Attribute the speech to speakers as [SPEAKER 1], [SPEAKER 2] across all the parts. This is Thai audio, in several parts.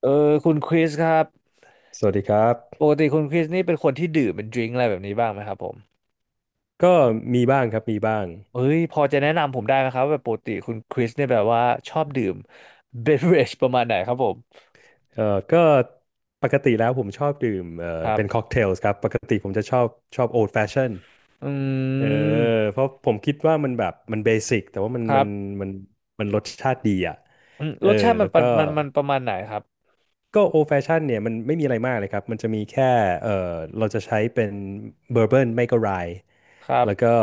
[SPEAKER 1] เออคุณคริสครับ
[SPEAKER 2] สวัสดีครับ
[SPEAKER 1] ปกติคุณคริสนี่เป็นคนที่ดื่มเป็นดริงก์อะไรแบบนี้บ้างไหมครับผม
[SPEAKER 2] ก็มีบ้างครับมีบ้าง
[SPEAKER 1] เอ้ยพอจะแนะนำผมได้ไหมครับว่าแบบปกติคุณคริสเนี่ยแบบว่าชอบดื่ม เบเวอเรจประมาณไหนครับผม
[SPEAKER 2] เอ่อก็ปกติแล้วผมชอบดื่ม
[SPEAKER 1] ครั
[SPEAKER 2] เป็นค็อ
[SPEAKER 1] บ
[SPEAKER 2] กเทลส์ครับปกติผมจะชอบโอ d แฟชั่น
[SPEAKER 1] อื
[SPEAKER 2] เออ
[SPEAKER 1] ม
[SPEAKER 2] เพราะผมคิดว่ามันแบบมันเบสิกแต่ว่า
[SPEAKER 1] ครับ
[SPEAKER 2] มันมันรสชาติดีอ่ะ
[SPEAKER 1] อืม
[SPEAKER 2] เอ
[SPEAKER 1] ร
[SPEAKER 2] อ
[SPEAKER 1] สชาติมั
[SPEAKER 2] แล้
[SPEAKER 1] น
[SPEAKER 2] ว
[SPEAKER 1] ประ
[SPEAKER 2] ก็
[SPEAKER 1] มันมันประมาณไหนครับ
[SPEAKER 2] ก็โอ d แฟชั่นเนี่ยมันไม่มีอะไรมากเลยครับมันจะมีแค่เออเราจะใช้เป็นเบอร์เบิร์นไม่ก็ไร
[SPEAKER 1] ครับ
[SPEAKER 2] แล้วก็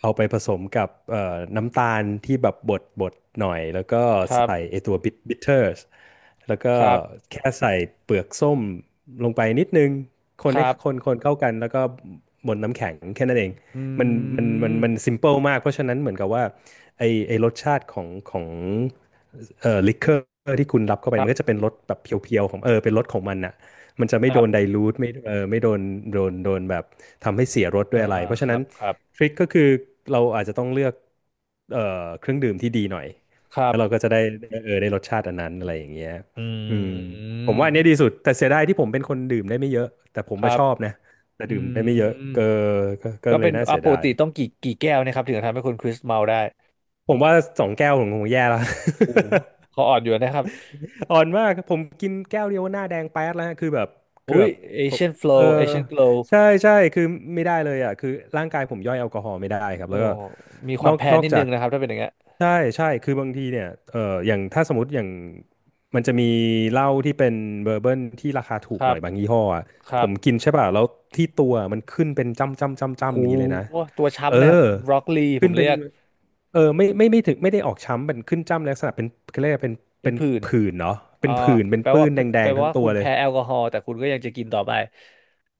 [SPEAKER 2] เอาไปผสมกับน้ำตาลที่แบบบดหน่อยแล้วก็
[SPEAKER 1] ครับ
[SPEAKER 2] ใส่ไอตัวบิเทอร์สแล้วก็
[SPEAKER 1] ครับ
[SPEAKER 2] แค่ใส่เปลือกส้มลงไปนิดนึงคน
[SPEAKER 1] ค
[SPEAKER 2] ให้
[SPEAKER 1] รับ
[SPEAKER 2] คนเข้ากันแล้วก็บนน้ำแข็งแค่นั้นเอง
[SPEAKER 1] อื
[SPEAKER 2] มันมันซิ
[SPEAKER 1] ม
[SPEAKER 2] มเปิลมากเพราะฉะนั้นเหมือนกับว่าไอไอรสชาติของลิคเกอร์ที่คุณรับเข้าไป
[SPEAKER 1] ครั
[SPEAKER 2] มันก็
[SPEAKER 1] บ
[SPEAKER 2] จะเป็นรสแบบเพียวๆของเออเป็นรสของมันนะ มันจะไม่
[SPEAKER 1] ค
[SPEAKER 2] โด
[SPEAKER 1] รั
[SPEAKER 2] นได
[SPEAKER 1] บ
[SPEAKER 2] ลูทไม่เออไม่โดนแบบทำให้เสียรสด้ว
[SPEAKER 1] อ่า
[SPEAKER 2] ยอะไร
[SPEAKER 1] อ่า
[SPEAKER 2] เพราะ
[SPEAKER 1] ค
[SPEAKER 2] ฉะ
[SPEAKER 1] รั
[SPEAKER 2] นั้น
[SPEAKER 1] บครับ
[SPEAKER 2] ทริคก็คือเราอาจจะต้องเลือกเอ่อเครื่องดื่มที่ดีหน่อย
[SPEAKER 1] ครั
[SPEAKER 2] แล้วเรา
[SPEAKER 1] บ
[SPEAKER 2] ก็จะได้เออได้รสชาติอันนั้นอะไรอย่างเงี้ย
[SPEAKER 1] อ
[SPEAKER 2] อืม
[SPEAKER 1] ื
[SPEAKER 2] ผมว่าอั
[SPEAKER 1] ม
[SPEAKER 2] นเนี้ยดีสุดแต่เสียดายที่ผมเป็นคนดื่มได้ไม่เยอะแต่ผม
[SPEAKER 1] ครั
[SPEAKER 2] มาช
[SPEAKER 1] บ
[SPEAKER 2] อบนะแต่
[SPEAKER 1] อื
[SPEAKER 2] ดื่มได้ไม่เยอะ
[SPEAKER 1] ม
[SPEAKER 2] ก็ก็
[SPEAKER 1] ก็
[SPEAKER 2] เล
[SPEAKER 1] เป็
[SPEAKER 2] ย
[SPEAKER 1] น
[SPEAKER 2] น่า
[SPEAKER 1] อ่ะ
[SPEAKER 2] เสีย
[SPEAKER 1] ปก
[SPEAKER 2] ดาย
[SPEAKER 1] ติต้องกี่แก้วเนะครับถึงจะทำให้คุณคริสเมาได้
[SPEAKER 2] ผมว่าสองแก้วผมคงแย่แล้ว
[SPEAKER 1] โอ้โห เขาอ่อนอยู่นะครับ
[SPEAKER 2] อ่อนมากผมกินแก้วเดียวหน้าแดงแป๊ดแล้วฮะคือแบบคือ
[SPEAKER 1] อุ้ย
[SPEAKER 2] แบบผม
[SPEAKER 1] Asian
[SPEAKER 2] เออ
[SPEAKER 1] flow Asian glow โ
[SPEAKER 2] ใช่ใช่คือไม่ได้เลยอ่ะคือร่างกายผมย่อยแอลกอฮอล์ไม่ได้ครับ
[SPEAKER 1] โอ้
[SPEAKER 2] แล้วก็
[SPEAKER 1] มีความแพ้
[SPEAKER 2] นอก
[SPEAKER 1] นิด
[SPEAKER 2] จา
[SPEAKER 1] นึ
[SPEAKER 2] ก
[SPEAKER 1] งนะครับถ้าเป็นอย่างเงี้ย
[SPEAKER 2] ใช่ใช่คือบางทีเนี่ยเอออย่างถ้าสมมติอย่างมันจะมีเหล้าที่เป็นเบอร์เบิลที่ราคาถู
[SPEAKER 1] ค
[SPEAKER 2] กห
[SPEAKER 1] รั
[SPEAKER 2] น่อ
[SPEAKER 1] บ
[SPEAKER 2] ยบางยี่ห้ออะ
[SPEAKER 1] ค
[SPEAKER 2] ผ
[SPEAKER 1] รับ
[SPEAKER 2] มกินใช่ป่ะแล้วที่ตัวมันขึ้นเป็นจ้ำจ้ำจ้ำจ้ำ
[SPEAKER 1] หู
[SPEAKER 2] อย่างนี้เลยนะ
[SPEAKER 1] ตัว
[SPEAKER 2] เออ
[SPEAKER 1] ช้ำเลยครับบรอกลีผ
[SPEAKER 2] ขึ้น
[SPEAKER 1] ม
[SPEAKER 2] เป็
[SPEAKER 1] เรี
[SPEAKER 2] น
[SPEAKER 1] ยก
[SPEAKER 2] เออไม่ถึงไม่ได้ออกช้ำเป็นขึ้นจ้ำลักษณะเป็นเขาเรียกว่าเป็น
[SPEAKER 1] เป็น
[SPEAKER 2] เป็น
[SPEAKER 1] ผื่น
[SPEAKER 2] ผื่นเนาะเป็
[SPEAKER 1] อ่า
[SPEAKER 2] นผื่นเป็น
[SPEAKER 1] แปล
[SPEAKER 2] ปื้
[SPEAKER 1] ว่า
[SPEAKER 2] นแด
[SPEAKER 1] แป
[SPEAKER 2] ง
[SPEAKER 1] ล
[SPEAKER 2] ๆทั้ง
[SPEAKER 1] ว่า
[SPEAKER 2] ตั
[SPEAKER 1] คุ
[SPEAKER 2] ว
[SPEAKER 1] ณ
[SPEAKER 2] เลย
[SPEAKER 1] แพ้แอลกอฮอล์แต่คุณก็ยังจะกินต่อไป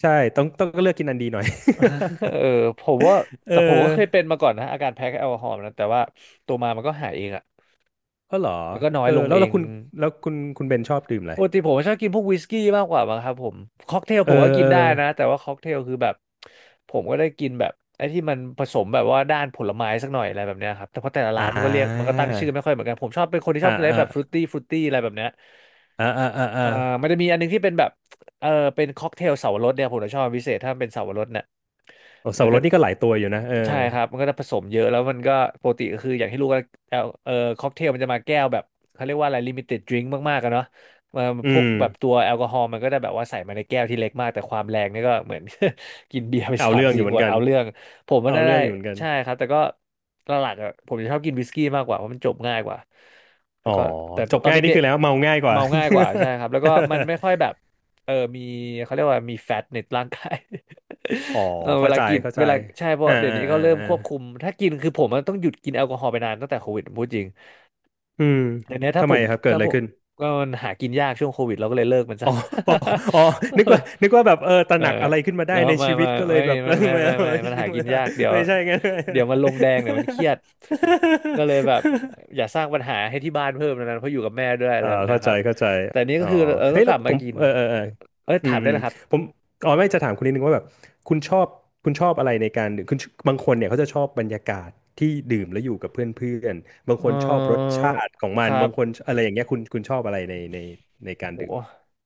[SPEAKER 2] ใช่ต้องก็เลือกกินอันดีหน่อย
[SPEAKER 1] เออผมว่า
[SPEAKER 2] เอ
[SPEAKER 1] แต่ผมก็เคยเป็
[SPEAKER 2] อ
[SPEAKER 1] นมาก่อนนะอาการแพ้แอลกอฮอล์นะแต่ว่าตัวมามันก็หายเองอ่ะ
[SPEAKER 2] ก็เหรอ
[SPEAKER 1] มันก็น้อ
[SPEAKER 2] เอ
[SPEAKER 1] ยล
[SPEAKER 2] อ
[SPEAKER 1] ง
[SPEAKER 2] แล้ว
[SPEAKER 1] เอ
[SPEAKER 2] แล้ว
[SPEAKER 1] ง
[SPEAKER 2] คุณแล้วคุณเบนชอบดื่มอะไร
[SPEAKER 1] ปกติผมชอบกินพวกวิสกี้มากกว่ามั้งครับผมค็อกเทล
[SPEAKER 2] เอ
[SPEAKER 1] ผ
[SPEAKER 2] อ
[SPEAKER 1] มก็กิ
[SPEAKER 2] เอ
[SPEAKER 1] น
[SPEAKER 2] อ
[SPEAKER 1] ได้นะแต่ว่าค็อกเทลคือแบบผมก็ได้กินแบบไอ้ที่มันผสมแบบว่าด้านผลไม้สักหน่อยอะไรแบบเนี้ยครับแต่เพราะแต่ละ
[SPEAKER 2] อ่
[SPEAKER 1] ร้านมันก็เรียกมันก็
[SPEAKER 2] า
[SPEAKER 1] ตั้งชื่อไม่ค่อยเหมือนกันผมชอบเป็นคนที่ช
[SPEAKER 2] อ่า
[SPEAKER 1] อบกินอะไร
[SPEAKER 2] อ่า
[SPEAKER 1] แบบฟรุตตี้ฟรุตตี้อะไรแบบเนี้ย
[SPEAKER 2] อ่า
[SPEAKER 1] อ่ามันจะมีอันนึงที่เป็นแบบเออเป็นค็อกเทลเสาวรสเนี่ยผมจะชอบเป็นพิเศษถ้ามันเป็นเสาวรสเนี่ย
[SPEAKER 2] โอ้สับ
[SPEAKER 1] มัน
[SPEAKER 2] ปะร
[SPEAKER 1] ก็
[SPEAKER 2] ดนี่ก็หลายตัวอยู่นะเออ
[SPEAKER 1] ใช่ครับมันก็จะผสมเยอะแล้วมันก็ปกติก็คืออย่างที่รู้กันแอลค็อกเทลมันจะมาแก้วแบบเขาเรียกว่าอะไรลิมิเต็ดดริงก์มากๆกันเนาะมา
[SPEAKER 2] อื
[SPEAKER 1] พวก
[SPEAKER 2] ม
[SPEAKER 1] แบบตัวแอลกอฮอล์มันก็จะแบบว่าใส่มาในแก้วที่เล็กมากแต่ความแรงนี่ก็เหมือน กินเบียร์ไป
[SPEAKER 2] เอา
[SPEAKER 1] สาม
[SPEAKER 2] เรื่องอ
[SPEAKER 1] สี่
[SPEAKER 2] ยู่เห
[SPEAKER 1] ข
[SPEAKER 2] มือน
[SPEAKER 1] วด
[SPEAKER 2] กัน
[SPEAKER 1] เอาเรื่องผมมัน
[SPEAKER 2] เอา
[SPEAKER 1] ได้
[SPEAKER 2] เรื่องอยู่เหมือนกัน
[SPEAKER 1] ใช่ครับแต่ก็หลักๆอะผมจะชอบกินวิสกี้มากกว่าเพราะมันจบง่ายกว่าแล้
[SPEAKER 2] อ๋
[SPEAKER 1] ว
[SPEAKER 2] อ
[SPEAKER 1] ก็แต่
[SPEAKER 2] จบ
[SPEAKER 1] ตอน
[SPEAKER 2] ง่ายนี่
[SPEAKER 1] เด็
[SPEAKER 2] คื
[SPEAKER 1] ก
[SPEAKER 2] อแล้วเมาง่ายก
[SPEAKER 1] ๆ
[SPEAKER 2] ว่า
[SPEAKER 1] เมาง่ายกว่าใช่ครับแล้วก็มันไม่ค่อยแบบมีเขาเรียกว่ามีแฟตในร่างกาย
[SPEAKER 2] อ๋อ
[SPEAKER 1] เออเว
[SPEAKER 2] เข้า
[SPEAKER 1] ลา
[SPEAKER 2] ใจ
[SPEAKER 1] กิน
[SPEAKER 2] เข้าใจ
[SPEAKER 1] เวลาใช่เพราะเดี๋ยวนี้เขาเริ่มควบคุม
[SPEAKER 2] อ่า
[SPEAKER 1] ถ้ากินคือผมมันต้องหยุดกินแอลกอฮอล์ไปนานตั้งแต่โควิดผมพูดจริง
[SPEAKER 2] อืม
[SPEAKER 1] เดี๋ยวนี้ถ้า
[SPEAKER 2] ทำ
[SPEAKER 1] ผ
[SPEAKER 2] ไม
[SPEAKER 1] ม
[SPEAKER 2] ครับเกิด
[SPEAKER 1] ถ้า
[SPEAKER 2] อะไร
[SPEAKER 1] ผม
[SPEAKER 2] ขึ้น
[SPEAKER 1] ก็มันหากินยากช่วงโควิดเราก็เลยเลิกมัน
[SPEAKER 2] อ๋
[SPEAKER 1] ซะ
[SPEAKER 2] ออ๋ออ๋อ
[SPEAKER 1] เอ
[SPEAKER 2] นึก
[SPEAKER 1] อ
[SPEAKER 2] ว่าแบบเออตระ
[SPEAKER 1] เอ
[SPEAKER 2] ห
[SPEAKER 1] อ
[SPEAKER 2] นักอะไรขึ้นมาได้
[SPEAKER 1] เนาะ
[SPEAKER 2] ใน
[SPEAKER 1] ไม่
[SPEAKER 2] ชีวิ
[SPEAKER 1] ไม่
[SPEAKER 2] ตก็เลย
[SPEAKER 1] ไม่
[SPEAKER 2] แบบ เอ
[SPEAKER 1] ไม่
[SPEAKER 2] อ
[SPEAKER 1] ไม่
[SPEAKER 2] ไม่
[SPEAKER 1] ไม่
[SPEAKER 2] เอ
[SPEAKER 1] ไม่มันหา
[SPEAKER 2] อ
[SPEAKER 1] กินยากเดี๋ยว
[SPEAKER 2] ไม่ใช่ไง
[SPEAKER 1] เดี๋ยวมันล
[SPEAKER 2] น
[SPEAKER 1] ง แดงเดี๋ยวมันเครียดก็เลยแบบอย่าสร้างปัญหาให้ที่บ้านเพิ่มนะเพราะอยู่กับแม่ด้วยอะไร
[SPEAKER 2] เอ่า
[SPEAKER 1] แบบนะ
[SPEAKER 2] เข้า
[SPEAKER 1] ค
[SPEAKER 2] ใจ
[SPEAKER 1] รับ
[SPEAKER 2] เข้าใจ
[SPEAKER 1] แต่นี้
[SPEAKER 2] อ๋
[SPEAKER 1] ก็
[SPEAKER 2] อ
[SPEAKER 1] คือเออ
[SPEAKER 2] เฮ้
[SPEAKER 1] ก็
[SPEAKER 2] ย
[SPEAKER 1] ก
[SPEAKER 2] แล้
[SPEAKER 1] ลั
[SPEAKER 2] ว
[SPEAKER 1] บ
[SPEAKER 2] ผ
[SPEAKER 1] มา
[SPEAKER 2] ม
[SPEAKER 1] กิน
[SPEAKER 2] เออ
[SPEAKER 1] เออ
[SPEAKER 2] อื
[SPEAKER 1] ถา
[SPEAKER 2] ม
[SPEAKER 1] มได้
[SPEAKER 2] อืม
[SPEAKER 1] แล้วครับ
[SPEAKER 2] ผมอ๋อไม่จะถามคุณนิดนึงว่าแบบคุณชอบคุณชอบอะไรในการดื่มคุณบางคนเนี่ยเขาจะชอบบรรยากาศที่ดื่มแล้วอยู่กับเพื่อนๆบางค
[SPEAKER 1] เอ
[SPEAKER 2] นชอบรส
[SPEAKER 1] อ
[SPEAKER 2] ชาติของมั
[SPEAKER 1] ค
[SPEAKER 2] น
[SPEAKER 1] รั
[SPEAKER 2] บา
[SPEAKER 1] บ
[SPEAKER 2] งคนอะไรอย่างเงี้ยคุณชอบอะไรในในการ
[SPEAKER 1] โห
[SPEAKER 2] ดื่ม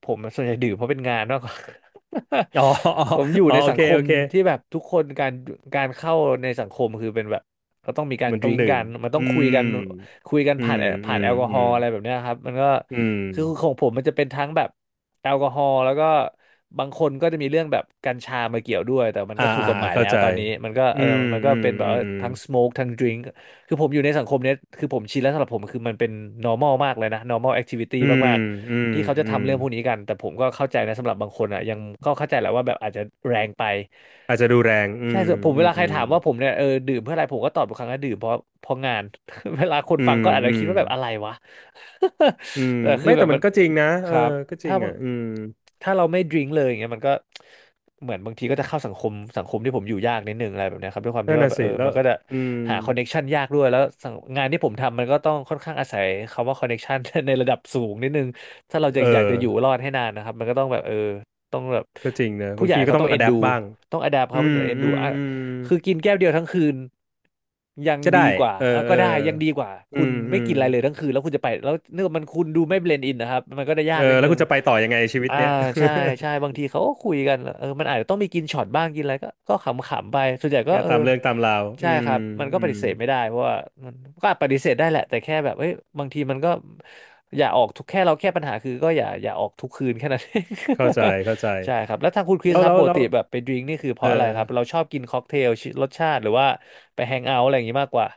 [SPEAKER 1] ผมส่วนใหญ่ดื่มเพราะเป็นงานมากกว่า
[SPEAKER 2] อ๋อ อ๋อ
[SPEAKER 1] ผมอยู่
[SPEAKER 2] อ๋อ
[SPEAKER 1] ใน
[SPEAKER 2] โอ
[SPEAKER 1] สัง
[SPEAKER 2] เค
[SPEAKER 1] ค
[SPEAKER 2] โอ
[SPEAKER 1] ม
[SPEAKER 2] เค
[SPEAKER 1] ที่แบบทุกคนการเข้าในสังคมคือเป็นแบบก็ต้องมีการ
[SPEAKER 2] มันต้อ
[SPEAKER 1] ดื่
[SPEAKER 2] ง
[SPEAKER 1] ม
[SPEAKER 2] ดื่
[SPEAKER 1] กั
[SPEAKER 2] ม
[SPEAKER 1] นมันต้อง
[SPEAKER 2] อื
[SPEAKER 1] คุยกัน
[SPEAKER 2] ม
[SPEAKER 1] คุยกัน
[SPEAKER 2] อื
[SPEAKER 1] ผ่าน
[SPEAKER 2] มอื
[SPEAKER 1] ผ่าน
[SPEAKER 2] ม
[SPEAKER 1] แอลกอ
[SPEAKER 2] อื
[SPEAKER 1] ฮอ
[SPEAKER 2] ม
[SPEAKER 1] ล์อะไรแบบเนี้ยครับมันก็
[SPEAKER 2] อืม
[SPEAKER 1] คือของผมมันจะเป็นทั้งแบบแอลกอฮอล์แล้วก็บางคนก็จะมีเรื่องแบบกัญชามาเกี่ยวด้วยแต่มัน
[SPEAKER 2] อ่า
[SPEAKER 1] ก็ถูก
[SPEAKER 2] อ่า
[SPEAKER 1] กฎหมาย
[SPEAKER 2] เข้า
[SPEAKER 1] แล้ว
[SPEAKER 2] ใจ
[SPEAKER 1] ตอนนี้มันก็
[SPEAKER 2] อื
[SPEAKER 1] เออ
[SPEAKER 2] ม
[SPEAKER 1] มันก็
[SPEAKER 2] อืม
[SPEAKER 1] เป็นแบ
[SPEAKER 2] อื
[SPEAKER 1] บว่า
[SPEAKER 2] ม
[SPEAKER 1] ทั้งสโมกทั้งดื่มคือผมอยู่ในสังคมเนี้ยคือผมชินแล้วสำหรับผมคือมันเป็น normal มากเลยนะ normal activity
[SPEAKER 2] อืม
[SPEAKER 1] มาก
[SPEAKER 2] อืม
[SPEAKER 1] ที่เขาจะ
[SPEAKER 2] อื
[SPEAKER 1] ทำ
[SPEAKER 2] ม
[SPEAKER 1] เรื่องพวกนี้กันแต่ผมก็เข้าใจนะสำหรับบางคนอ่ะยังก็เข้าใจแหละว่าแบบอาจจะแรงไป
[SPEAKER 2] อาจจะดูแรง
[SPEAKER 1] ใช่ส่วนผม
[SPEAKER 2] อื
[SPEAKER 1] เวลาใค
[SPEAKER 2] ม
[SPEAKER 1] รถามว่าผมเนี่ยเออดื่มเพื่ออะไรผมก็ตอบทุกครั้งว่าดื่มเพราะงาน เวลาคน
[SPEAKER 2] อื
[SPEAKER 1] ฟัง
[SPEAKER 2] ม
[SPEAKER 1] ก็อาจ
[SPEAKER 2] อื
[SPEAKER 1] จะคิ
[SPEAKER 2] ม
[SPEAKER 1] ดว่าแบบอะไรวะ
[SPEAKER 2] อืม
[SPEAKER 1] แต่คือ
[SPEAKER 2] ไม่
[SPEAKER 1] แบ
[SPEAKER 2] แต่
[SPEAKER 1] บ
[SPEAKER 2] มั
[SPEAKER 1] มั
[SPEAKER 2] น
[SPEAKER 1] น
[SPEAKER 2] ก็จริงนะ
[SPEAKER 1] ค
[SPEAKER 2] เออ
[SPEAKER 1] รับ
[SPEAKER 2] ก็จริ
[SPEAKER 1] ถ้า
[SPEAKER 2] ง
[SPEAKER 1] บา
[SPEAKER 2] อ่ะ
[SPEAKER 1] ง
[SPEAKER 2] อืม
[SPEAKER 1] ถ้าเราไม่ดริงเลยอย่างเงี้ยมันก็เหมือนบางทีก็จะเข้าสังคมที่ผมอยู่ยากนิดนึงอะไรแบบเนี้ยครับด้วยความ
[SPEAKER 2] นั่
[SPEAKER 1] ที่
[SPEAKER 2] น
[SPEAKER 1] ว่า
[SPEAKER 2] น่ะ
[SPEAKER 1] แบบ
[SPEAKER 2] สิ
[SPEAKER 1] เออ
[SPEAKER 2] แล้ว
[SPEAKER 1] มันก็จะ
[SPEAKER 2] อืม
[SPEAKER 1] หาคอนเน็กชันยากด้วยแล้วสังงานที่ผมทำมันก็ต้องค่อนข้างอาศัยคำว่าคอนเน็กชัน ในระดับสูงนิดนึงถ้าเราจะ
[SPEAKER 2] เอ
[SPEAKER 1] อยาก
[SPEAKER 2] อ
[SPEAKER 1] จะอยู่รอดให้นานนะครับมันก็ต้องแบบต้องแบบ
[SPEAKER 2] ก็จริงนะ
[SPEAKER 1] ผู้
[SPEAKER 2] บาง
[SPEAKER 1] ใหญ่
[SPEAKER 2] ทีก็
[SPEAKER 1] เขา
[SPEAKER 2] ต้อง
[SPEAKER 1] ต้องเอ็
[SPEAKER 2] อะ
[SPEAKER 1] น
[SPEAKER 2] แด
[SPEAKER 1] ดู
[SPEAKER 2] ปบ้าง
[SPEAKER 1] ต้องอดาป
[SPEAKER 2] อื
[SPEAKER 1] เขาผู้ให
[SPEAKER 2] ม
[SPEAKER 1] ญ่เอ็น
[SPEAKER 2] อื
[SPEAKER 1] ดู
[SPEAKER 2] มอืม
[SPEAKER 1] คือกินแก้วเดียวทั้งคืนยัง
[SPEAKER 2] ก็
[SPEAKER 1] ดี
[SPEAKER 2] ได้
[SPEAKER 1] กว่า
[SPEAKER 2] เออ
[SPEAKER 1] อ่ะ
[SPEAKER 2] เอ
[SPEAKER 1] ก็
[SPEAKER 2] อ
[SPEAKER 1] ได้ยังดีกว่าคุณ
[SPEAKER 2] อื
[SPEAKER 1] ไม่
[SPEAKER 2] ม
[SPEAKER 1] กินอะไรเลยทั้งคืนแล้วคุณจะไปแล้วเนื่องมันคุณดูไม่เบลนด์อินนะครับมันก็จะยา
[SPEAKER 2] เอ
[SPEAKER 1] กนิ
[SPEAKER 2] อ
[SPEAKER 1] ด
[SPEAKER 2] แล้ว
[SPEAKER 1] นึ
[SPEAKER 2] คุ
[SPEAKER 1] ง
[SPEAKER 2] ณจะไปต่อยังไงชีวิต
[SPEAKER 1] อ่า
[SPEAKER 2] เนี้ย
[SPEAKER 1] ใช่บางทีเขาก็คุยกันเออมันอาจจะต้องมีกินช็อตบ้างกินอะไรก็ขำๆไปส่วนใหญ่ ก็
[SPEAKER 2] งาน
[SPEAKER 1] เออ
[SPEAKER 2] ตามเรื่องตามราวอื
[SPEAKER 1] ใช่ค
[SPEAKER 2] ม
[SPEAKER 1] รับมันก็
[SPEAKER 2] อื
[SPEAKER 1] ป
[SPEAKER 2] ม
[SPEAKER 1] ฏิเสธไม่ได้เพราะว่ามันก็ปฏิเสธได้แหละแต่แค่แบบเอ้ยบางทีมันก็อย่าออกทุกแค่เราแค่ปัญหาคือก็อย่าออกทุกคืนแค่นั้น เอง
[SPEAKER 2] เข้าใจเข้าใจ
[SPEAKER 1] ใช่ครับแล้วทางคุณคริส
[SPEAKER 2] แล้ว
[SPEAKER 1] ครั
[SPEAKER 2] แล้
[SPEAKER 1] บ
[SPEAKER 2] ว
[SPEAKER 1] ปก
[SPEAKER 2] แล้ว
[SPEAKER 1] ติแบบไปดื่มนี่คือเพ
[SPEAKER 2] เอ
[SPEAKER 1] ราะอะไรครับเรา
[SPEAKER 2] อ
[SPEAKER 1] ชอบกินค็อกเทลรสชาติหรือว่าไปแฮงเอาท์อะไรอย่างนี้มากกว่า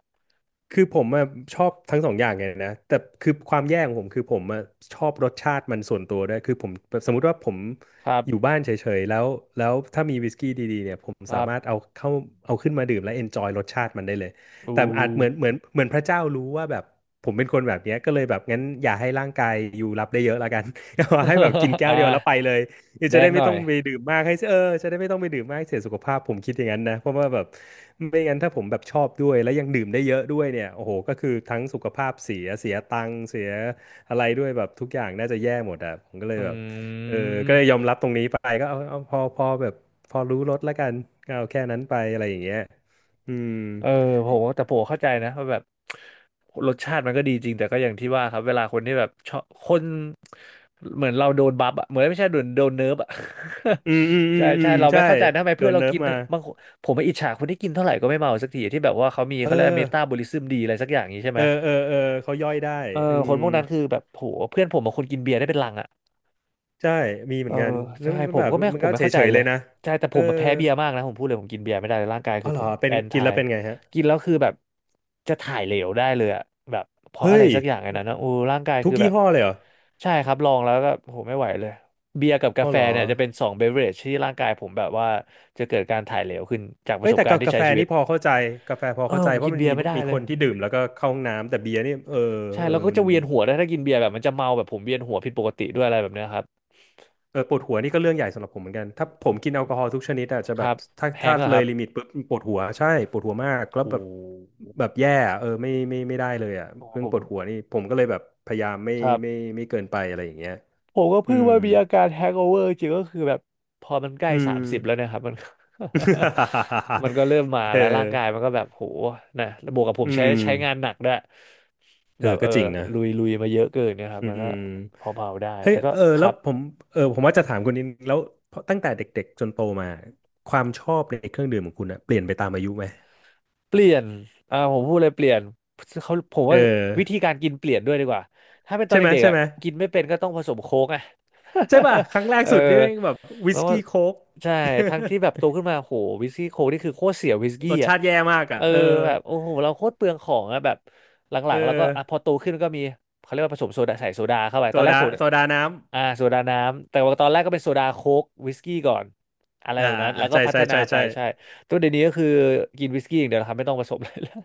[SPEAKER 2] คือผมอะชอบทั้งสองอย่างไงนะแต่คือความแย่ของผมคือผมอะชอบรสชาติมันส่วนตัวด้วยคือผมสมมุติว่าผม
[SPEAKER 1] ครับ
[SPEAKER 2] อยู่บ้านเฉยๆแล้วถ้ามีวิสกี้ดีๆเนี่ยผม
[SPEAKER 1] ค
[SPEAKER 2] สา
[SPEAKER 1] รับ
[SPEAKER 2] มารถเอาขึ้นมาดื่มและเอนจอยรสชาติมันได้เลย
[SPEAKER 1] อู
[SPEAKER 2] แต่อาจเหมือนพระเจ้ารู้ว่าแบบผมเป็นคนแบบเนี้ยก็เลยแบบงั้นอย่าให้ร่างกายอยู่รับได้เยอะละกัน เอาให้แบบกิน แก้ว
[SPEAKER 1] อ่า
[SPEAKER 2] เดียวแล้วไปเลย คือ
[SPEAKER 1] แด
[SPEAKER 2] จะได้
[SPEAKER 1] งห
[SPEAKER 2] ไม่
[SPEAKER 1] น่
[SPEAKER 2] ต้
[SPEAKER 1] อ
[SPEAKER 2] อ
[SPEAKER 1] ย
[SPEAKER 2] งไปดื่มมากให้เสียเออจะได้ไม่ต้องไปดื่มมากให้เสียสุขภาพผมคิดอย่างนั้นนะเพราะว่าแบบไม่งั้นถ้าผมแบบชอบด้วยแล้วยังดื่มได้เยอะด้วยเนี่ยโอ้โหก็คือทั้งสุขภาพเสียเสียตังค์เสียอะไรด้วยแบบทุกอย่างน่าจะแย่หมดอ่ะผมก็เลย
[SPEAKER 1] อ
[SPEAKER 2] แบบ
[SPEAKER 1] ื
[SPEAKER 2] เออก็เลยยอ
[SPEAKER 1] ม
[SPEAKER 2] มรับตรงนี้ไปก็เอาเอาพอพอแบบพอรู้ลดแล้วกันก็เอาแค่นั้นไปอะไรอย่างเงี้ยอืม
[SPEAKER 1] เออผมแต่ผมเข้าใจนะว่าแบบรสชาติมันก็ดีจริงแต่ก็อย่างที่ว่าครับเวลาคนที่แบบชอบคนเหมือนเราโดนบัฟอะเหมือนไม่ใช่โดนเนิร์ฟอะ
[SPEAKER 2] อืมอืม อื
[SPEAKER 1] ใช่
[SPEAKER 2] มอื
[SPEAKER 1] ใช่
[SPEAKER 2] ม
[SPEAKER 1] เรา
[SPEAKER 2] ใช่
[SPEAKER 1] ไม่เข้าใจนะทำไม
[SPEAKER 2] โด
[SPEAKER 1] เพื่อ
[SPEAKER 2] น
[SPEAKER 1] นเรา
[SPEAKER 2] เนิร์ฟ
[SPEAKER 1] กิน
[SPEAKER 2] มา
[SPEAKER 1] บางคนผมไม่อิจฉาคนที่กินเท่าไหร่ก็ไม่เมาสักทีที่แบบว่าเขามี
[SPEAKER 2] เออ
[SPEAKER 1] เขาเรียกเมตาบอลิซึมดีอะไรสักอย่างนี้ใช่
[SPEAKER 2] เอ
[SPEAKER 1] ไหม
[SPEAKER 2] อเออเออเขาย่อยได้
[SPEAKER 1] เออ
[SPEAKER 2] อื
[SPEAKER 1] ค
[SPEAKER 2] ม
[SPEAKER 1] นพวกนั้นคือแบบโหเพื่อนผมบางคนกินเบียร์ได้เป็นลังอะ
[SPEAKER 2] ใช่มีเห
[SPEAKER 1] เอ
[SPEAKER 2] มือ
[SPEAKER 1] อ
[SPEAKER 2] นกันแล้ว
[SPEAKER 1] ใช่
[SPEAKER 2] มันก็
[SPEAKER 1] ผ
[SPEAKER 2] แบ
[SPEAKER 1] ม
[SPEAKER 2] บ
[SPEAKER 1] ก็ไม่
[SPEAKER 2] มัน
[SPEAKER 1] ผ
[SPEAKER 2] ก็
[SPEAKER 1] มไม่
[SPEAKER 2] เฉ
[SPEAKER 1] เข้าใจ
[SPEAKER 2] ยๆ
[SPEAKER 1] เล
[SPEAKER 2] เล
[SPEAKER 1] ย
[SPEAKER 2] ยนะ
[SPEAKER 1] ใช่แต่ผ
[SPEAKER 2] เออ
[SPEAKER 1] มมาแพ้เบียร์มากนะผมพูดเลยผมกินเบียร์ไม่ได้เลยร่างกาย
[SPEAKER 2] อ๋
[SPEAKER 1] คื
[SPEAKER 2] อ
[SPEAKER 1] อ
[SPEAKER 2] เหร
[SPEAKER 1] ผ
[SPEAKER 2] อ
[SPEAKER 1] ม
[SPEAKER 2] เป็น
[SPEAKER 1] แอน
[SPEAKER 2] กิน
[SPEAKER 1] ทา
[SPEAKER 2] แล้
[SPEAKER 1] ย
[SPEAKER 2] วเป็นไงฮะ
[SPEAKER 1] กินแล้วคือแบบจะถ่ายเหลวได้เลยอะแบบเพราะอะ
[SPEAKER 2] เฮ้
[SPEAKER 1] ไร
[SPEAKER 2] ย
[SPEAKER 1] สักอย่างไงนนนะโอ้ร่างกาย
[SPEAKER 2] ทุ
[SPEAKER 1] คื
[SPEAKER 2] ก
[SPEAKER 1] อแบ
[SPEAKER 2] ยี่
[SPEAKER 1] บ
[SPEAKER 2] ห้อเลยเหรอ
[SPEAKER 1] ใช่ครับลองแล้วก็โหไม่ไหวเลยเบียร์กับ
[SPEAKER 2] อ๋
[SPEAKER 1] กา
[SPEAKER 2] อ
[SPEAKER 1] แฟ
[SPEAKER 2] เหรอ
[SPEAKER 1] เนี่ยจะเป็นสองเบเวอเรจที่ร่างกายผมแบบว่าจะเกิดการถ่ายเหลวขึ้นจากป
[SPEAKER 2] เอ้
[SPEAKER 1] ระ
[SPEAKER 2] ย
[SPEAKER 1] สบ
[SPEAKER 2] แต่
[SPEAKER 1] การ
[SPEAKER 2] กา
[SPEAKER 1] ณ์ที่
[SPEAKER 2] กา
[SPEAKER 1] ใช้
[SPEAKER 2] แฟ
[SPEAKER 1] ชีวิ
[SPEAKER 2] นี่
[SPEAKER 1] ต
[SPEAKER 2] พอเข้าใจกาแฟพอ
[SPEAKER 1] เออ
[SPEAKER 2] เข้าใจ
[SPEAKER 1] ผม
[SPEAKER 2] เพ
[SPEAKER 1] กิ
[SPEAKER 2] ราะ
[SPEAKER 1] น
[SPEAKER 2] มัน
[SPEAKER 1] เบีย
[SPEAKER 2] มี
[SPEAKER 1] ร์ไม่ได้
[SPEAKER 2] มี
[SPEAKER 1] เล
[SPEAKER 2] ค
[SPEAKER 1] ย
[SPEAKER 2] นที่ดื่มแล้วก็เข้าห้องน้ำ แต่เบียร์นี่เออ
[SPEAKER 1] ใช่
[SPEAKER 2] เออ
[SPEAKER 1] แล้วก็
[SPEAKER 2] มัน
[SPEAKER 1] จะเวียนหัวได้วยถ้ากินเบียร์แบบมันจะเมาแบบผมเวียนหัวผิดปกติด้วยอะไรแบบเนี้ยครับ
[SPEAKER 2] เออปวดหัวนี่ก็เรื่องใหญ่สำหรับผมเหมือนกัน ถ้าผมกินแอลกอฮอล์ทุกชนิดอาจจะ
[SPEAKER 1] ค
[SPEAKER 2] แบบ
[SPEAKER 1] รับ
[SPEAKER 2] ถ้า
[SPEAKER 1] แฮ
[SPEAKER 2] ถ้า
[SPEAKER 1] งก์อะ
[SPEAKER 2] เล
[SPEAKER 1] ค
[SPEAKER 2] ย
[SPEAKER 1] รับ
[SPEAKER 2] ลิมิตปุ๊บปวดหัวใช่ปวดหัวมาก
[SPEAKER 1] โ
[SPEAKER 2] แล้วแบบ
[SPEAKER 1] ห
[SPEAKER 2] แบบแย่อะเออไม่ไม่ไม่ได้เลยอ่ะเรื่องปวดหัวนี่ผมก็เลยแบบพยายามไม่
[SPEAKER 1] ครับ
[SPEAKER 2] ไม่ไม่เกินไปอะไรอย่างเงี้ย
[SPEAKER 1] ผมก็
[SPEAKER 2] อื
[SPEAKER 1] เพิ่ง
[SPEAKER 2] ม
[SPEAKER 1] ว่ามีอาการแฮงโอเวอร์จริงก็คือแบบพอมันใกล้
[SPEAKER 2] อืม
[SPEAKER 1] 30แล้วเนะครับมัน มันก็เริ่มมา
[SPEAKER 2] เออ
[SPEAKER 1] แล้วร่างกายมันก็แบบโหนะแล้วบวกกับผ
[SPEAKER 2] อื
[SPEAKER 1] มใช้
[SPEAKER 2] ม
[SPEAKER 1] ใช้งานหนักด้วย
[SPEAKER 2] เอ
[SPEAKER 1] แบ
[SPEAKER 2] อ
[SPEAKER 1] บ
[SPEAKER 2] ก็จริงนะ
[SPEAKER 1] ลุยมาเยอะเกินเนะครับ
[SPEAKER 2] อื
[SPEAKER 1] มันก็
[SPEAKER 2] ม
[SPEAKER 1] พอเผาๆได้
[SPEAKER 2] เฮ้ย
[SPEAKER 1] แต่ก็
[SPEAKER 2] เออ
[SPEAKER 1] ค
[SPEAKER 2] แล้
[SPEAKER 1] รั
[SPEAKER 2] ว
[SPEAKER 1] บ
[SPEAKER 2] ผมเออผมว่าจะถามคุณนิดแล้วเพราะตั้งแต่เด็กๆจนโตมา ความชอบในเครื่องดื่มของคุณอะเปลี่ยนไปตามอายุไหม
[SPEAKER 1] เปลี่ยนอ่าผมพูดเลยเปลี่ยนเขาผม
[SPEAKER 2] เอ
[SPEAKER 1] ว่า
[SPEAKER 2] อ
[SPEAKER 1] วิธีการกินเปลี่ยนด้วยดีกว่าถ้าเป็นตอ
[SPEAKER 2] ใช่
[SPEAKER 1] น
[SPEAKER 2] ไหม
[SPEAKER 1] เด็ก
[SPEAKER 2] ใช่
[SPEAKER 1] ๆอ่ะ
[SPEAKER 2] ไหม
[SPEAKER 1] กินไม่เป็นก็ต้องผสมโค้กอ่ะ
[SPEAKER 2] ใช่ป่ะครั้งแร ก
[SPEAKER 1] เอ
[SPEAKER 2] สุดนี่
[SPEAKER 1] อ
[SPEAKER 2] แม่งแบบวิ
[SPEAKER 1] แล้
[SPEAKER 2] ส
[SPEAKER 1] วก็
[SPEAKER 2] กี้โค้ก
[SPEAKER 1] ใช่ทั้งที่แบบโตขึ้นมาโหวิสกี้โค้กนี่คือโคตรเสียวิส กี้
[SPEAKER 2] รส
[SPEAKER 1] อ่ะ
[SPEAKER 2] ชาติแย่มากอ่ะ
[SPEAKER 1] เออ
[SPEAKER 2] เออ
[SPEAKER 1] แบบโอ้โหเราโคตรเปลืองของอ่ะแบบหลั
[SPEAKER 2] เออ
[SPEAKER 1] งๆแล้วก็อ่ะพอโตขึ้นก็มีเขาเรียกว่าผสมโซดาใส่โซดาเข้าไป
[SPEAKER 2] โซ
[SPEAKER 1] ตอนแรก
[SPEAKER 2] ดา
[SPEAKER 1] ผม่
[SPEAKER 2] โซดาน้
[SPEAKER 1] อ่าโซดาน้ำแต่ว่าตอนแรกก็เป็นโซดาโค้กวิสกี้ก่อนอะไร
[SPEAKER 2] ำอ่า
[SPEAKER 1] แบบ
[SPEAKER 2] อ่า
[SPEAKER 1] นั้น
[SPEAKER 2] อ่า
[SPEAKER 1] แล้วก็
[SPEAKER 2] ใช่
[SPEAKER 1] พั
[SPEAKER 2] ใช่
[SPEAKER 1] ฒนา
[SPEAKER 2] ใช่
[SPEAKER 1] ไป
[SPEAKER 2] ใช่
[SPEAKER 1] ใช่ ตัวเดี๋ยวนี้ก็คือกินวิสกี้อย่างเดียวนะครับไม่ต้องผสมเลยแล้ว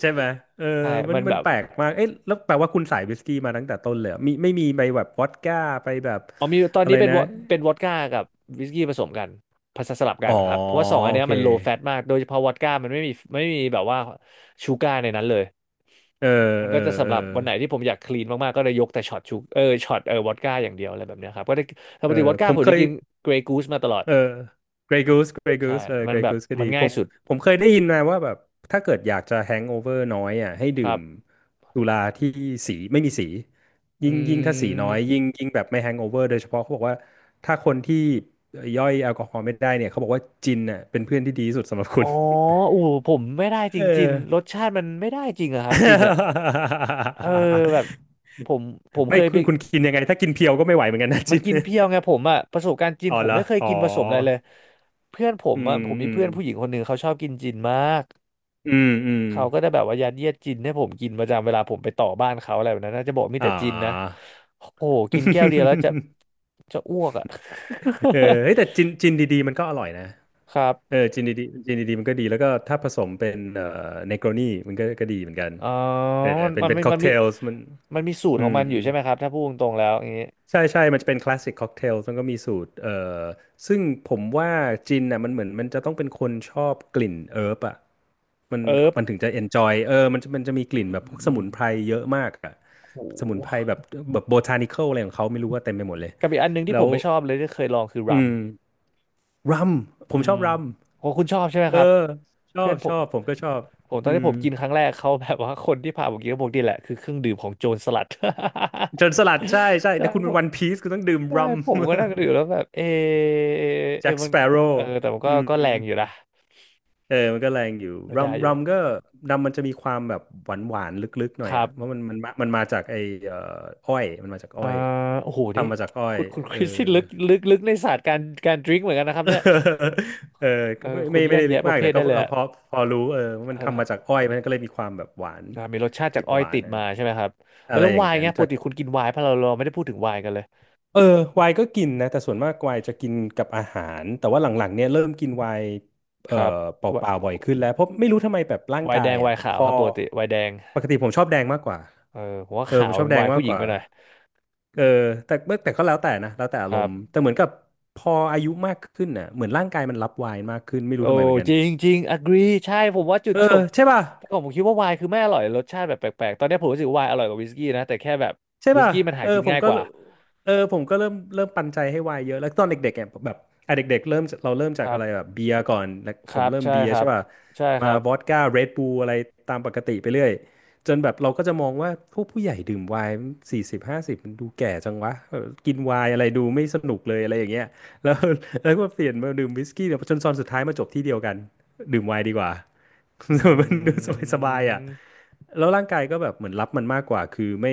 [SPEAKER 2] ใช่ไหมเออ
[SPEAKER 1] ใช่
[SPEAKER 2] มัน
[SPEAKER 1] มัน
[SPEAKER 2] มั
[SPEAKER 1] แบ
[SPEAKER 2] น
[SPEAKER 1] บ
[SPEAKER 2] แปลกมากเอ๊ะแล้วแปลว่าคุณสายวิสกี้มาตั้งแต่ต้นเลยเหรอมีไม่มีไปแบบวอดก้าไปแบบ
[SPEAKER 1] อ๋อมีตอน
[SPEAKER 2] อะไร
[SPEAKER 1] นี้
[SPEAKER 2] นะ
[SPEAKER 1] เป็นวอดก้ากับวิสกี้ผสมกันผสมสลับกั
[SPEAKER 2] อ๋
[SPEAKER 1] น
[SPEAKER 2] อ
[SPEAKER 1] ครับเพราะว่าสองอัน
[SPEAKER 2] โอ
[SPEAKER 1] เนี้ย
[SPEAKER 2] เค
[SPEAKER 1] มันโลแฟตมากโดยเฉพาะวอดก้ามันไม่มีแบบว่าชูการ์ในนั้นเลย
[SPEAKER 2] เออ
[SPEAKER 1] มัน
[SPEAKER 2] เอ
[SPEAKER 1] ก็จะ
[SPEAKER 2] อ เอ
[SPEAKER 1] สำ
[SPEAKER 2] อ
[SPEAKER 1] หรับวันไหนที่ผมอยากคลีนมากๆก็เลยยกแต่ช็อตวอดก้าอย่างเดียวอะไรแบบเนี้ยครับก็ได้ป
[SPEAKER 2] เอ
[SPEAKER 1] กติว
[SPEAKER 2] อ
[SPEAKER 1] อด
[SPEAKER 2] ผ
[SPEAKER 1] ก้า
[SPEAKER 2] ม
[SPEAKER 1] ผม
[SPEAKER 2] เค
[SPEAKER 1] จะ
[SPEAKER 2] ย
[SPEAKER 1] กินเกรย์กูสมาตลอด
[SPEAKER 2] เออ Grey Goose Grey
[SPEAKER 1] ใช่
[SPEAKER 2] Goose เออ
[SPEAKER 1] มัน
[SPEAKER 2] Grey
[SPEAKER 1] แบบ
[SPEAKER 2] Goose ก็
[SPEAKER 1] มั
[SPEAKER 2] ดี
[SPEAKER 1] น
[SPEAKER 2] ผ
[SPEAKER 1] ง่าย
[SPEAKER 2] ม
[SPEAKER 1] สุด
[SPEAKER 2] ผมเคยได้ยินมาว่าแบบถ้าเกิดอยากจะแฮงโอเวอร์น้อยอ่ะให้
[SPEAKER 1] ค
[SPEAKER 2] ดื่
[SPEAKER 1] รั
[SPEAKER 2] ม
[SPEAKER 1] บ
[SPEAKER 2] สุราที่สีไม่มีสี
[SPEAKER 1] อื
[SPEAKER 2] ยิ่งถ้าสีน้อยยิ่
[SPEAKER 1] ม
[SPEAKER 2] งยิ่งแบบไม่แฮงโอเวอร์โดยเฉพาะเขาบอกว่าถ้าคนที่ย่อยแอลกอฮอล์ไม่ได้เนี่ยเขาบอกว่าจินอ่ะเป็นเพื่อนที่ดีที่สุดสำหรับคุ
[SPEAKER 1] อ๋อ
[SPEAKER 2] ณ
[SPEAKER 1] โอ้โหผมไม่ได้จ
[SPEAKER 2] เอ
[SPEAKER 1] ริงจินร
[SPEAKER 2] อ
[SPEAKER 1] สชาติมันไม่ได้จริงอะครับจินอะเออแบบผมเค
[SPEAKER 2] ไม่
[SPEAKER 1] ย
[SPEAKER 2] คุ
[SPEAKER 1] ไป
[SPEAKER 2] ณคุณกินยังไงถ้ากินเพียวก็ไม่ไหวเหมือนกันนะ
[SPEAKER 1] มั
[SPEAKER 2] จิ
[SPEAKER 1] น
[SPEAKER 2] น
[SPEAKER 1] กินเพียวไงผมอะประสบการณ์จิ น
[SPEAKER 2] อ๋อ
[SPEAKER 1] ผ
[SPEAKER 2] เห
[SPEAKER 1] ม
[SPEAKER 2] รอ
[SPEAKER 1] ไม่เคย
[SPEAKER 2] อ๋อ
[SPEAKER 1] กินผสมอะไรเลยเพื่อนผ
[SPEAKER 2] อื
[SPEAKER 1] มอะ
[SPEAKER 2] ม
[SPEAKER 1] ผมมี
[SPEAKER 2] อืม
[SPEAKER 1] เพื่อนผู้หญิงคนหนึ่งเขาชอบกินจินมาก
[SPEAKER 2] อืมอืม
[SPEAKER 1] เขาก็ได้แบบว่ายัดเยียดจินให้ผมกินประจำเวลาผมไปต่อบ้านเขาอะไรแบบนั้นน่าจะบอกมี
[SPEAKER 2] อ่า
[SPEAKER 1] แต่จินนะโอ้โหกินแก้วเดียวแล้วจะ จะอ้วกอะ
[SPEAKER 2] เออเฮ้ยแต่จินดีๆมันก็อร่อยนะ
[SPEAKER 1] ครับ
[SPEAKER 2] เออจินดีๆจินดีๆมันก็ดีแล้วก็ถ้าผสมเป็นเนโกรนีมันก็ดีเหมือนกัน
[SPEAKER 1] อ๋อ
[SPEAKER 2] เออ
[SPEAKER 1] มัน
[SPEAKER 2] เป็น
[SPEAKER 1] มัน
[SPEAKER 2] เป็น
[SPEAKER 1] มี
[SPEAKER 2] ค็อ
[SPEAKER 1] มั
[SPEAKER 2] ก
[SPEAKER 1] น
[SPEAKER 2] เท
[SPEAKER 1] มี
[SPEAKER 2] ลมัน
[SPEAKER 1] มันมีสูตร
[SPEAKER 2] อื
[SPEAKER 1] ของ
[SPEAKER 2] ม
[SPEAKER 1] มันอยู่ใช่ไหมครับถ้าพูดตรงๆแล้วอย่างนี้
[SPEAKER 2] ใช่ใช่มันจะเป็นคลาสสิกค็อกเทลมันก็มีสูตรซึ่งผมว่าจินน่ะมันเหมือนมันจะต้องเป็นคนชอบกลิ่นเอิร์บอ่ะมัน
[SPEAKER 1] เอิบ
[SPEAKER 2] มันถึงจะเอนจอยเออมันจะมีกลิ่นแบบพวกส
[SPEAKER 1] อื
[SPEAKER 2] มุ
[SPEAKER 1] ม
[SPEAKER 2] นไพรเยอะมากอ่ะ
[SPEAKER 1] โ
[SPEAKER 2] สมุนไพ
[SPEAKER 1] ห
[SPEAKER 2] รแบบแบบโบทานิคอลอะไรของเขาไม่รู้ว่าเต็มไปหมดเลย
[SPEAKER 1] กับอีกอันหนึงที่
[SPEAKER 2] แล้
[SPEAKER 1] ผม
[SPEAKER 2] ว
[SPEAKER 1] ไม่ชอบเลยที่เคยลองคือรั
[SPEAKER 2] อื
[SPEAKER 1] ม
[SPEAKER 2] มรัมผ
[SPEAKER 1] อื
[SPEAKER 2] มชอ
[SPEAKER 1] ม
[SPEAKER 2] บรัม
[SPEAKER 1] โหคุณชอบใช่ไหม
[SPEAKER 2] เออ
[SPEAKER 1] ครับ
[SPEAKER 2] ชอ
[SPEAKER 1] เพื่
[SPEAKER 2] บ
[SPEAKER 1] อนผ
[SPEAKER 2] ชอ
[SPEAKER 1] ม
[SPEAKER 2] บผมก็ชอบ
[SPEAKER 1] ตอ
[SPEAKER 2] อื
[SPEAKER 1] นที่
[SPEAKER 2] ม
[SPEAKER 1] ผมกินครั้งแรกเขาแบบว่าคนที่พาผมกินก็บอกนี่แหละคือเครื่องดื่มของโจรสลัด
[SPEAKER 2] โจนสลัดใช่ใช่
[SPEAKER 1] ใช่
[SPEAKER 2] แต่คุณ
[SPEAKER 1] ผ
[SPEAKER 2] เป็น
[SPEAKER 1] ม
[SPEAKER 2] วันพีซคุณต้องดื่ม
[SPEAKER 1] ใช่
[SPEAKER 2] รัม
[SPEAKER 1] ผมก็นั่งดื่มแล้วแบบเอะ
[SPEAKER 2] แจ็
[SPEAKER 1] เอะ
[SPEAKER 2] ค
[SPEAKER 1] มั
[SPEAKER 2] ส
[SPEAKER 1] น
[SPEAKER 2] เปโร่
[SPEAKER 1] เออแต่มัน
[SPEAKER 2] อื
[SPEAKER 1] ก็
[SPEAKER 2] ม
[SPEAKER 1] ก็แรงอยู่นะ
[SPEAKER 2] เออมันก็แรงอยู่
[SPEAKER 1] ก็
[SPEAKER 2] รัม
[SPEAKER 1] ได้อ
[SPEAKER 2] รั
[SPEAKER 1] ยู่
[SPEAKER 2] มก็รัมมันจะมีความแบบหวานหวานลึกๆหน่อ
[SPEAKER 1] ค
[SPEAKER 2] ย
[SPEAKER 1] รั
[SPEAKER 2] อ่ะเพราะ
[SPEAKER 1] บ
[SPEAKER 2] มันมันมาจากไอ้เอ่ออ้อยมันมาจากอ้
[SPEAKER 1] เอ่
[SPEAKER 2] อ
[SPEAKER 1] อ
[SPEAKER 2] ย
[SPEAKER 1] โอ้โหนี่
[SPEAKER 2] ทำมาจากอ้อย
[SPEAKER 1] คุณค
[SPEAKER 2] เออ
[SPEAKER 1] ริสที่ลึกลึกในศาสตร์การดื่มเหมือนกันนะครับเนี่ย
[SPEAKER 2] เออ
[SPEAKER 1] เอ
[SPEAKER 2] ก็
[SPEAKER 1] อ
[SPEAKER 2] ไม่
[SPEAKER 1] คุ
[SPEAKER 2] ไม่
[SPEAKER 1] ณแย
[SPEAKER 2] ไม่
[SPEAKER 1] ก
[SPEAKER 2] ได้ลึก
[SPEAKER 1] แยะป
[SPEAKER 2] มา
[SPEAKER 1] ระ
[SPEAKER 2] ก
[SPEAKER 1] เภ
[SPEAKER 2] แต่
[SPEAKER 1] ท
[SPEAKER 2] ก็
[SPEAKER 1] ได้
[SPEAKER 2] พ
[SPEAKER 1] เลย
[SPEAKER 2] อ
[SPEAKER 1] อะ
[SPEAKER 2] พอพอรู้เออว่ามัน
[SPEAKER 1] เอ
[SPEAKER 2] ทำมาจาก
[SPEAKER 1] อ
[SPEAKER 2] อ้อยมันก็เลยมีความแบบหวาน
[SPEAKER 1] อ่ามีรสชาติ
[SPEAKER 2] ติ
[SPEAKER 1] จาก
[SPEAKER 2] ด
[SPEAKER 1] อ้อ
[SPEAKER 2] ห
[SPEAKER 1] ย
[SPEAKER 2] วาน
[SPEAKER 1] ติด
[SPEAKER 2] อะไร
[SPEAKER 1] มาใช่ไหมครับเออ
[SPEAKER 2] อะไร
[SPEAKER 1] แล้ว
[SPEAKER 2] อย่า
[SPEAKER 1] ไว
[SPEAKER 2] ง
[SPEAKER 1] น์
[SPEAKER 2] นั้น
[SPEAKER 1] เนี้ยป
[SPEAKER 2] จา
[SPEAKER 1] ก
[SPEAKER 2] ก
[SPEAKER 1] ติคุณกินไวน์เพราะเราไม่ได้พูดถึงไวน์กันเลย
[SPEAKER 2] เออไวน์ก็กินนะแต่ส่วนมากไวน์จะกินกับอาหารแต่ว่าหลังๆเนี่ยเริ่มกินไวน์
[SPEAKER 1] ค
[SPEAKER 2] เอ่อ
[SPEAKER 1] รับ
[SPEAKER 2] เป
[SPEAKER 1] ไว
[SPEAKER 2] ล่าๆบ่
[SPEAKER 1] น์
[SPEAKER 2] อยขึ้นแล้วเพราะไม่รู้ทำไมแบบร่าง
[SPEAKER 1] ไวน์
[SPEAKER 2] กา
[SPEAKER 1] แด
[SPEAKER 2] ย
[SPEAKER 1] งไว
[SPEAKER 2] อ่ะ
[SPEAKER 1] น์
[SPEAKER 2] พ
[SPEAKER 1] ขาว
[SPEAKER 2] อ
[SPEAKER 1] ครับปกติไวน์แดง
[SPEAKER 2] ปกติผมชอบแดงมากกว่า
[SPEAKER 1] เออผมว่า
[SPEAKER 2] เออ
[SPEAKER 1] ขา
[SPEAKER 2] ผม
[SPEAKER 1] ว
[SPEAKER 2] ชอ
[SPEAKER 1] มั
[SPEAKER 2] บ
[SPEAKER 1] น
[SPEAKER 2] แด
[SPEAKER 1] ไว
[SPEAKER 2] ง
[SPEAKER 1] น์
[SPEAKER 2] มา
[SPEAKER 1] ผู้
[SPEAKER 2] ก
[SPEAKER 1] ห
[SPEAKER 2] ก
[SPEAKER 1] ญิง
[SPEAKER 2] ว่า
[SPEAKER 1] ไปหน่อย
[SPEAKER 2] เออแต่แต่ก็แล้วแต่นะแล้วแต่อา
[SPEAKER 1] ค
[SPEAKER 2] ร
[SPEAKER 1] รั
[SPEAKER 2] ม
[SPEAKER 1] บ
[SPEAKER 2] ณ์แต่เหมือนกับพออายุมากขึ้นน่ะเหมือนร่างกายมันรับไวน์มากขึ้นไม่รู้
[SPEAKER 1] โอ้
[SPEAKER 2] ทำไมเหมือนกัน
[SPEAKER 1] จริงจริง agree ใช่ผมว่าจุด
[SPEAKER 2] เออ
[SPEAKER 1] จบ
[SPEAKER 2] ใช่ป่ะ
[SPEAKER 1] แต่ก่อนผมคิดว่าไวน์คือไม่อร่อยรสชาติแบบแปลกๆตอนนี้ผมรู้สึกไวน์อร่อยกว่าวิสกี้นะแต่แค่แบบ
[SPEAKER 2] ใช่
[SPEAKER 1] วิส
[SPEAKER 2] ป่ะ
[SPEAKER 1] กี้มัน
[SPEAKER 2] เอ
[SPEAKER 1] หา
[SPEAKER 2] อ
[SPEAKER 1] กิน
[SPEAKER 2] ผม
[SPEAKER 1] ง่าย
[SPEAKER 2] ก็
[SPEAKER 1] กว่า
[SPEAKER 2] เออผมก็เริ่มปันใจให้วายเยอะ แล้วตอนเด็กๆอ่ะแบบอ่ะเด็กๆเริ่มเราเริ่ม
[SPEAKER 1] ค
[SPEAKER 2] จาก
[SPEAKER 1] รั
[SPEAKER 2] อะ
[SPEAKER 1] บ
[SPEAKER 2] ไรแบบเบียร์ก่อนแล้ว
[SPEAKER 1] ค
[SPEAKER 2] ผ
[SPEAKER 1] รั
[SPEAKER 2] ม
[SPEAKER 1] บ
[SPEAKER 2] เริ่ม
[SPEAKER 1] ใช่
[SPEAKER 2] เบีย
[SPEAKER 1] ค
[SPEAKER 2] ร์
[SPEAKER 1] รั
[SPEAKER 2] ใช่
[SPEAKER 1] บ
[SPEAKER 2] ป่ะ
[SPEAKER 1] ใช่ค
[SPEAKER 2] มา
[SPEAKER 1] รับ
[SPEAKER 2] วอดก้าเรดบูลอะไรตามปกติไปเรื่อยจนแบบเราก็จะมองว่าพวกผู้ใหญ่ดื่มไวน์4050มันดูแก่จังวะเออกินไวน์อะไรดูไม่สนุกเลยอะไรอย่างเงี้ยแล้ว แล้วก็เปลี่ยนมาดื่มวิสกี้เนี่ยจนตอนสุดท้ายมาจบที่เดียวกันดื่มไวน์ดีกว่า
[SPEAKER 1] อื
[SPEAKER 2] มันดูสบายๆอ่ะ
[SPEAKER 1] ม
[SPEAKER 2] แล้วร่างกายก็แบบเหมือนรับมันมากกว่าคือไม่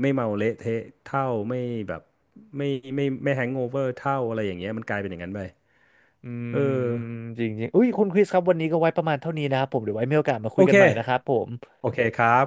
[SPEAKER 2] ไม่เมาเละเทะเท่าไม่แบบไม่ไม่ไม่แฮงโอเวอร์เท่าอะไรอย่างเงี้ยมันกลายเป็นอย่างนั้นไป
[SPEAKER 1] อื
[SPEAKER 2] เอ
[SPEAKER 1] ม
[SPEAKER 2] อ
[SPEAKER 1] จริงจริง อุ้ยคุณคริสครับวันนี้ก็ไว้ประมาณเท่านี้นะครับผมเดี๋ยวไว้มีโอกาสมาคุ
[SPEAKER 2] โอ
[SPEAKER 1] ยกั
[SPEAKER 2] เค
[SPEAKER 1] นใหม่นะครับผม
[SPEAKER 2] โอเคครับ